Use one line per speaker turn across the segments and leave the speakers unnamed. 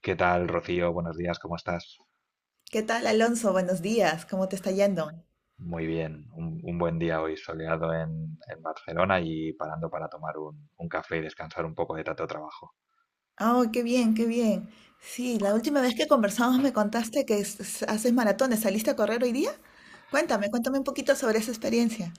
¿Qué tal, Rocío? Buenos días, ¿cómo estás?
¿Qué tal, Alonso? Buenos días. ¿Cómo te está yendo?
Muy bien, un buen día hoy soleado en Barcelona y parando para tomar un café y descansar un poco de tanto trabajo.
Oh, qué bien, qué bien. Sí, la última vez que conversamos me contaste que haces maratones. ¿Saliste a correr hoy día? Cuéntame un poquito sobre esa experiencia.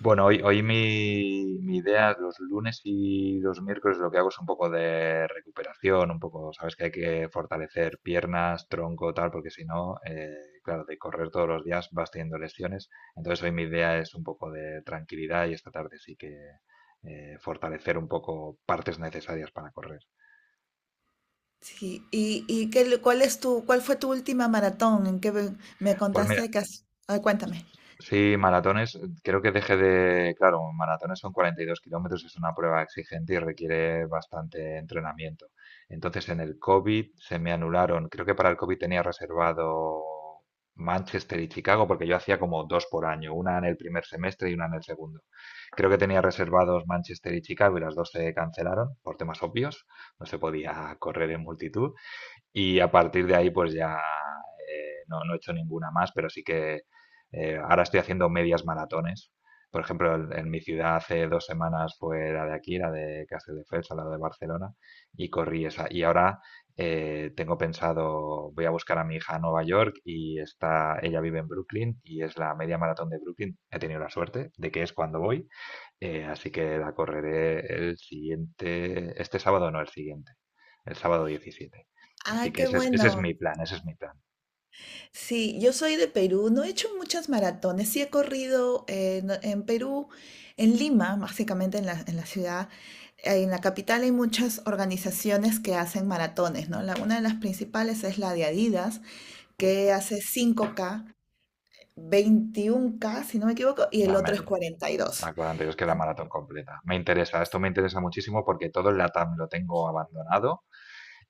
Bueno, hoy mi idea, los lunes y los miércoles lo que hago es un poco de recuperación, un poco, sabes que hay que fortalecer piernas, tronco, tal, porque si no, claro, de correr todos los días vas teniendo lesiones. Entonces hoy mi idea es un poco de tranquilidad y esta tarde sí que fortalecer un poco partes necesarias para correr.
Sí, qué, ¿cuál fue tu última maratón? Me
Pues
contaste
mira,
que has, ah, cuéntame.
sí, maratones, creo que dejé de, claro, maratones son 42 kilómetros, es una prueba exigente y requiere bastante entrenamiento. Entonces en el COVID se me anularon, creo que para el COVID tenía reservado Manchester y Chicago, porque yo hacía como dos por año, una en el primer semestre y una en el segundo. Creo que tenía reservados Manchester y Chicago y las dos se cancelaron por temas obvios, no se podía correr en multitud. Y a partir de ahí, pues ya no he hecho ninguna más, pero sí que ahora estoy haciendo medias maratones. Por ejemplo, en mi ciudad hace 2 semanas fue la de aquí, la de Castelldefels, al lado de Barcelona, y corrí esa. Y ahora tengo pensado, voy a buscar a mi hija a Nueva York y está, ella vive en Brooklyn y es la media maratón de Brooklyn. He tenido la suerte de que es cuando voy, así que la correré el siguiente, este sábado no, el siguiente, el sábado 17. Así
Ah,
que
qué
ese es
bueno.
mi plan, ese es mi plan.
Sí, yo soy de Perú, no he hecho muchas maratones, sí he corrido, en Perú, en Lima, básicamente en en la ciudad, en la capital hay muchas organizaciones que hacen maratones, ¿no? Una de las principales es la de Adidas, que hace 5K, 21K si no me equivoco, y el
La
otro es
media,
cuarenta y
la
dos.
42, que es la maratón completa. Me interesa, esto me interesa muchísimo porque todo el LATAM lo tengo abandonado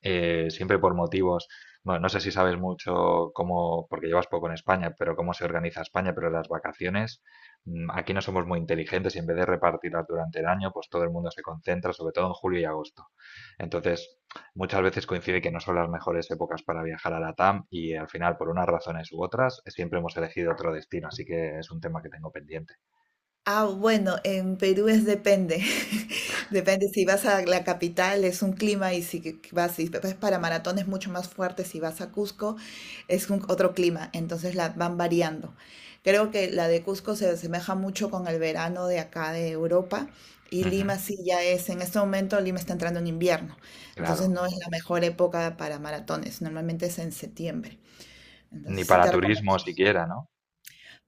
siempre por motivos, no sé si sabes mucho cómo, porque llevas poco en España, pero cómo se organiza España, pero las vacaciones, aquí no somos muy inteligentes y en vez de repartirlas durante el año, pues todo el mundo se concentra, sobre todo en julio y agosto. Entonces, muchas veces coincide que no son las mejores épocas para viajar a la TAM y al final, por unas razones u otras, siempre hemos elegido otro destino, así que es un tema que tengo pendiente.
Ah, bueno, en Perú es depende. Depende si vas a la capital es un clima, y si que vas, si vas para maratón es mucho más fuerte, si vas a Cusco es otro clima, entonces la van variando. Creo que la de Cusco se asemeja mucho con el verano de acá de Europa, y
Ujú,
Lima sí ya es, en este momento Lima está entrando en invierno,
claro,
entonces no es la mejor época para maratones, normalmente es en septiembre.
ni
Entonces sí
para
te
turismo
recomendaría.
siquiera, ¿no?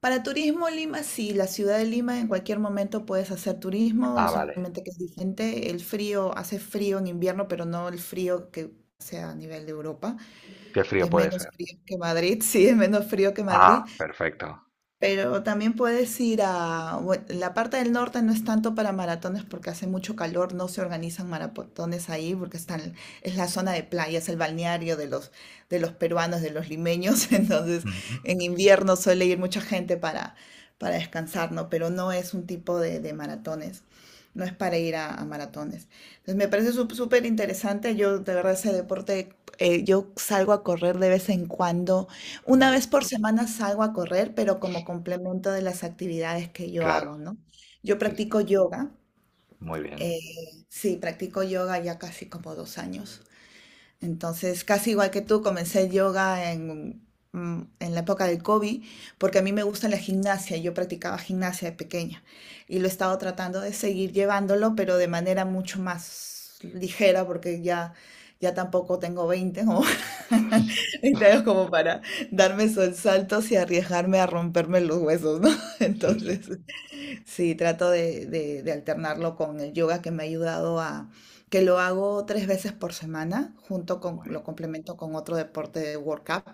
Para turismo Lima, sí, la ciudad de Lima en cualquier momento puedes hacer turismo,
Ah, vale,
solamente que es diferente. El frío, hace frío en invierno, pero no el frío que sea a nivel de Europa.
qué frío
Es
puede
menos
ser.
frío que Madrid, sí, es menos frío que Madrid.
Ah, perfecto.
Pero también puedes ir a, bueno, la parte del norte no es tanto para maratones porque hace mucho calor, no se organizan maratones ahí porque están, es la zona de playa, es el balneario de los peruanos, de los limeños, entonces en invierno suele ir mucha gente para, descansar, ¿no? Pero no es un tipo de maratones, no es para ir a maratones. Entonces me parece súper interesante, yo de verdad ese deporte, yo salgo a correr de vez en cuando, una
Muy bien,
vez por semana salgo a correr, pero como complemento de las actividades que yo
claro,
hago, ¿no? Yo
sí, sí,
practico yoga,
muy bien,
eh, sí, practico yoga ya casi como 2 años. Entonces, casi igual que tú, comencé yoga en, en la época del COVID, porque a mí me gusta la gimnasia, yo practicaba gimnasia de pequeña, y lo he estado tratando de seguir llevándolo, pero de manera mucho más ligera, porque ya, ya tampoco tengo 20 como, 20 años, como para darme esos saltos y arriesgarme a romperme los huesos, ¿no?
sí, sí,
Entonces, sí, trato de alternarlo con el yoga, que me ha ayudado a, que lo hago tres veces por semana, junto con,
muy
lo
bien.
complemento con otro deporte de workout,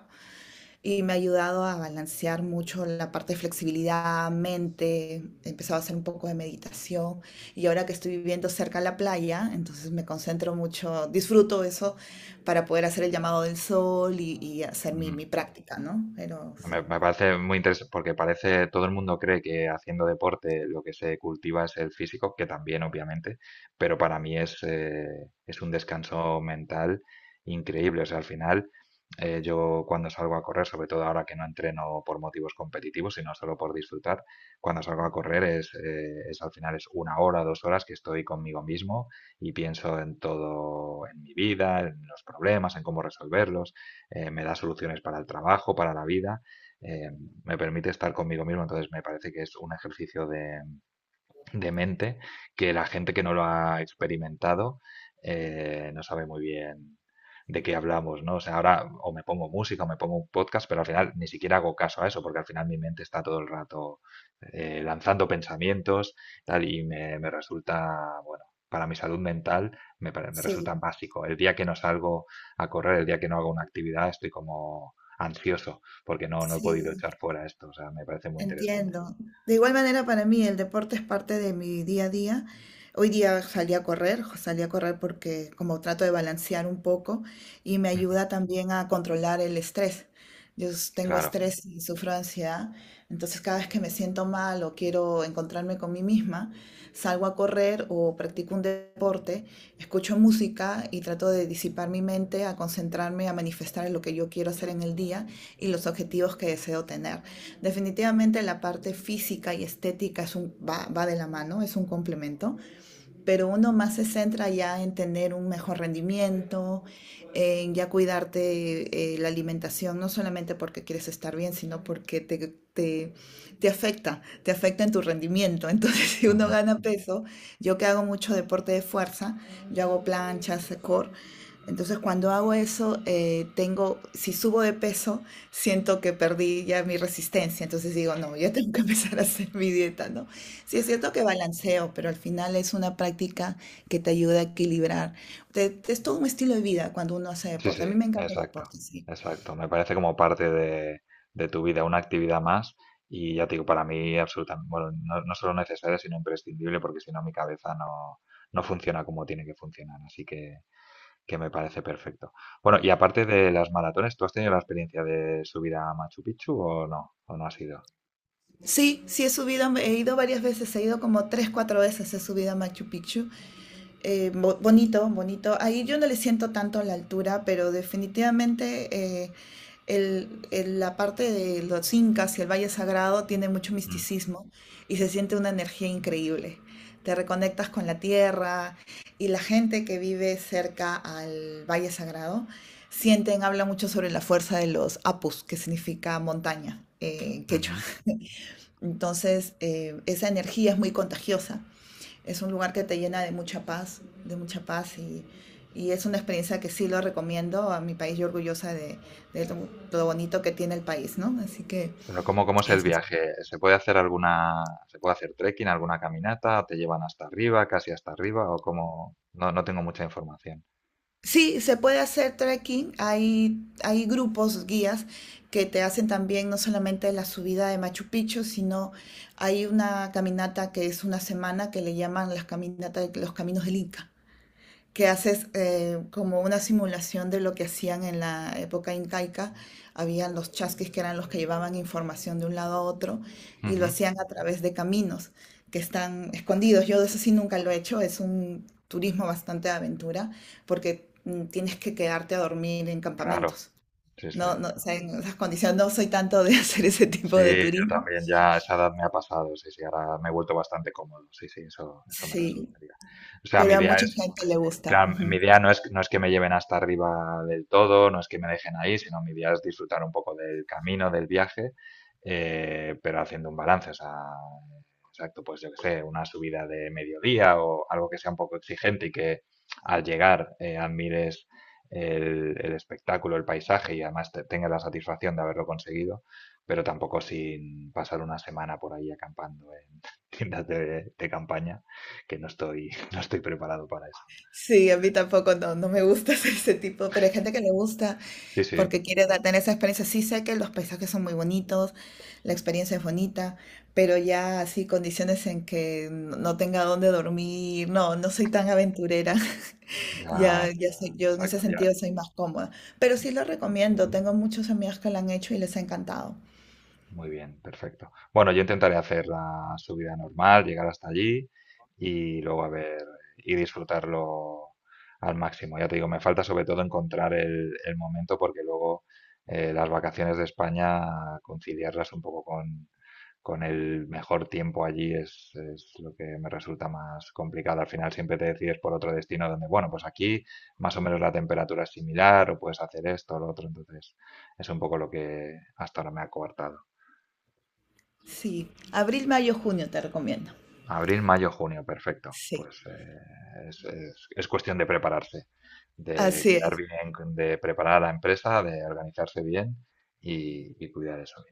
y me ha ayudado a balancear mucho la parte de flexibilidad, mente, he empezado a hacer un poco de meditación, y ahora que estoy viviendo cerca de la playa, entonces me concentro mucho, disfruto eso para poder hacer el llamado del sol, hacer mi
Ujú.
práctica, ¿no? Pero sí.
Me parece muy interesante porque parece, todo el mundo cree que haciendo deporte lo que se cultiva es el físico, que también obviamente, pero para mí es un descanso mental increíble. O sea, al final yo cuando salgo a correr, sobre todo ahora que no entreno por motivos competitivos, sino solo por disfrutar, cuando salgo a correr es al final es una hora, 2 horas que estoy conmigo mismo y pienso en todo, en mi vida, en los problemas, en cómo resolverlos, me da soluciones para el trabajo, para la vida eh, me permite estar conmigo mismo, entonces me parece que es un ejercicio de mente que la gente que no lo ha experimentado no sabe muy bien de qué hablamos, ¿no? O sea, ahora o me pongo música o me pongo un podcast, pero al final ni siquiera hago caso a eso, porque al final mi mente está todo el rato lanzando pensamientos, tal, y me resulta, bueno, para mi salud mental me resulta
Sí,
básico. El día que no salgo a correr, el día que no hago una actividad, estoy como ansioso, porque no he podido echar
sí.
fuera esto, o sea, me parece muy interesante.
Entiendo. De igual manera, para mí el deporte es parte de mi día a día. Hoy día salí a correr, porque como trato de balancear un poco, y me
Ujú.
ayuda también a controlar el estrés. Yo tengo
Claro.
estrés y sufro de ansiedad, entonces cada vez que me siento mal o quiero encontrarme con mí misma, salgo a correr o practico un deporte, escucho música y trato de disipar mi mente, a concentrarme, a manifestar en lo que yo quiero hacer en el día, y los objetivos que deseo tener. Definitivamente la parte física y estética es va de la mano, es un complemento, pero uno más se centra ya en tener un mejor rendimiento, en ya cuidarte, la alimentación, no solamente porque quieres estar bien, sino porque te afecta en tu rendimiento. Entonces, si uno gana peso, yo que hago mucho deporte de fuerza, yo hago planchas, core, entonces cuando hago eso, tengo, si subo de peso, siento que perdí ya mi resistencia. Entonces digo, no, ya tengo que empezar a hacer mi dieta, ¿no? Sí, es cierto que balanceo, pero al final es una práctica que te ayuda a equilibrar. Es todo un estilo de vida cuando uno hace
Sí,
deporte.
sí,
A mí me encanta el
exacto,
deporte, sí.
exacto. Me parece como parte de tu vida, una actividad más. Y ya te digo, para mí absolutamente, bueno, no solo necesaria, sino imprescindible, porque si no mi cabeza no funciona como tiene que funcionar. Así que me parece perfecto. Bueno, y aparte de las maratones, ¿tú has tenido la experiencia de subir a Machu Picchu o no? ¿O no has ido?
Sí, sí he subido, he ido varias veces, he ido como tres, cuatro veces, he subido a Machu Picchu. Bonito, bonito. Ahí yo no le siento tanto la altura, pero definitivamente, eh, la parte de los incas y el Valle Sagrado tiene mucho
Mm,
misticismo, y se siente una energía increíble. Te reconectas con la tierra, y la gente que vive cerca al Valle Sagrado sienten, habla mucho sobre la fuerza de los apus, que significa montaña, en quechua.
ujú.
Entonces, esa energía es muy contagiosa. Es un lugar que te llena de mucha paz, de mucha paz, es una experiencia que sí lo recomiendo a mi país. Yo orgullosa de lo bonito que tiene el país, ¿no? Así que
Pero ¿cómo, cómo es el
eso.
viaje? ¿Se puede hacer alguna, se puede hacer trekking, alguna caminata? ¿Te llevan hasta arriba, casi hasta arriba? ¿O cómo? No, no tengo mucha información.
Sí, se puede hacer trekking. Hay grupos, guías que te hacen también, no solamente la subida de Machu Picchu, sino hay una caminata que es una semana, que le llaman las caminatas, los caminos del Inca. Que haces, como una simulación de lo que hacían en la época incaica. Habían los chasquis, que eran los que llevaban información de un lado a otro, y lo
Ujú,
hacían a través de caminos que están escondidos. Yo de eso sí nunca lo he hecho, es un turismo bastante de aventura porque, tienes que quedarte a dormir en
claro,
campamentos.
sí, sí.
No, no, o sea, en esas condiciones no soy tanto de hacer ese tipo de
Sí, yo
turismo.
también ya a esa edad me ha pasado, sí, sí, ahora me he vuelto bastante cómodo, sí, sí, eso me
Sí,
resultaría. O sea, mi
pero a
idea
mucha
es,
gente le gusta.
claro, mi
Ujú.
idea no es que me lleven hasta arriba del todo, no es que me dejen ahí, sino mi idea es disfrutar un poco del camino, del viaje, pero haciendo un balance, o sea, exacto, pues yo qué sé, una subida de mediodía o algo que sea un poco exigente y que al llegar admires el espectáculo, el paisaje y además tengas la satisfacción de haberlo conseguido, pero tampoco sin pasar una semana por ahí acampando en tiendas de campaña, que no estoy, no estoy preparado para eso.
Sí, a mí tampoco, no, no me gusta hacer ese tipo, pero hay gente que le gusta.
Sí, sí,
Porque quiero tener esa experiencia. Sí sé que los paisajes son muy bonitos, la experiencia es bonita, pero ya así, condiciones en que no tenga dónde dormir, no, no soy tan aventurera. Ya,
ya,
ya
ya,
sé, yo en ese
exacto, ya.
sentido soy más cómoda, pero sí lo recomiendo. Tengo muchos amigos que lo han hecho y les ha encantado.
Muy bien, perfecto. Bueno, yo intentaré hacer la subida normal, llegar hasta allí y luego a ver y disfrutarlo al máximo. Ya te digo, me falta sobre todo encontrar el momento porque luego las vacaciones de España, conciliarlas un poco con el mejor tiempo allí es lo que me resulta más complicado. Al final siempre te decides por otro destino donde, bueno, pues aquí más o menos la temperatura es similar o puedes hacer esto o lo otro. Entonces es un poco lo que hasta ahora me ha coartado.
Sí, abril, mayo, junio te recomiendo.
Abril, mayo, junio, perfecto.
Sí,
Pues es cuestión de prepararse, de
así
quedar
es.
bien, de preparar a la empresa, de organizarse bien y cuidar eso.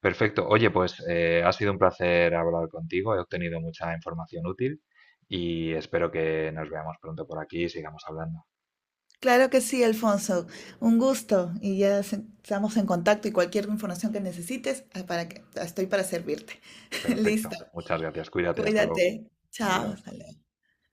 Perfecto. Oye, pues ha sido un placer hablar contigo. He obtenido mucha información útil y espero que nos veamos pronto por aquí y sigamos hablando.
Claro que sí, Alfonso. Un gusto, y ya estamos en contacto, y cualquier información que necesites, ah, estoy para servirte. Listo.
Perfecto. Muchas gracias. Cuídate. Hasta luego.
Cuídate. Chao.
Adiós.
Hasta luego.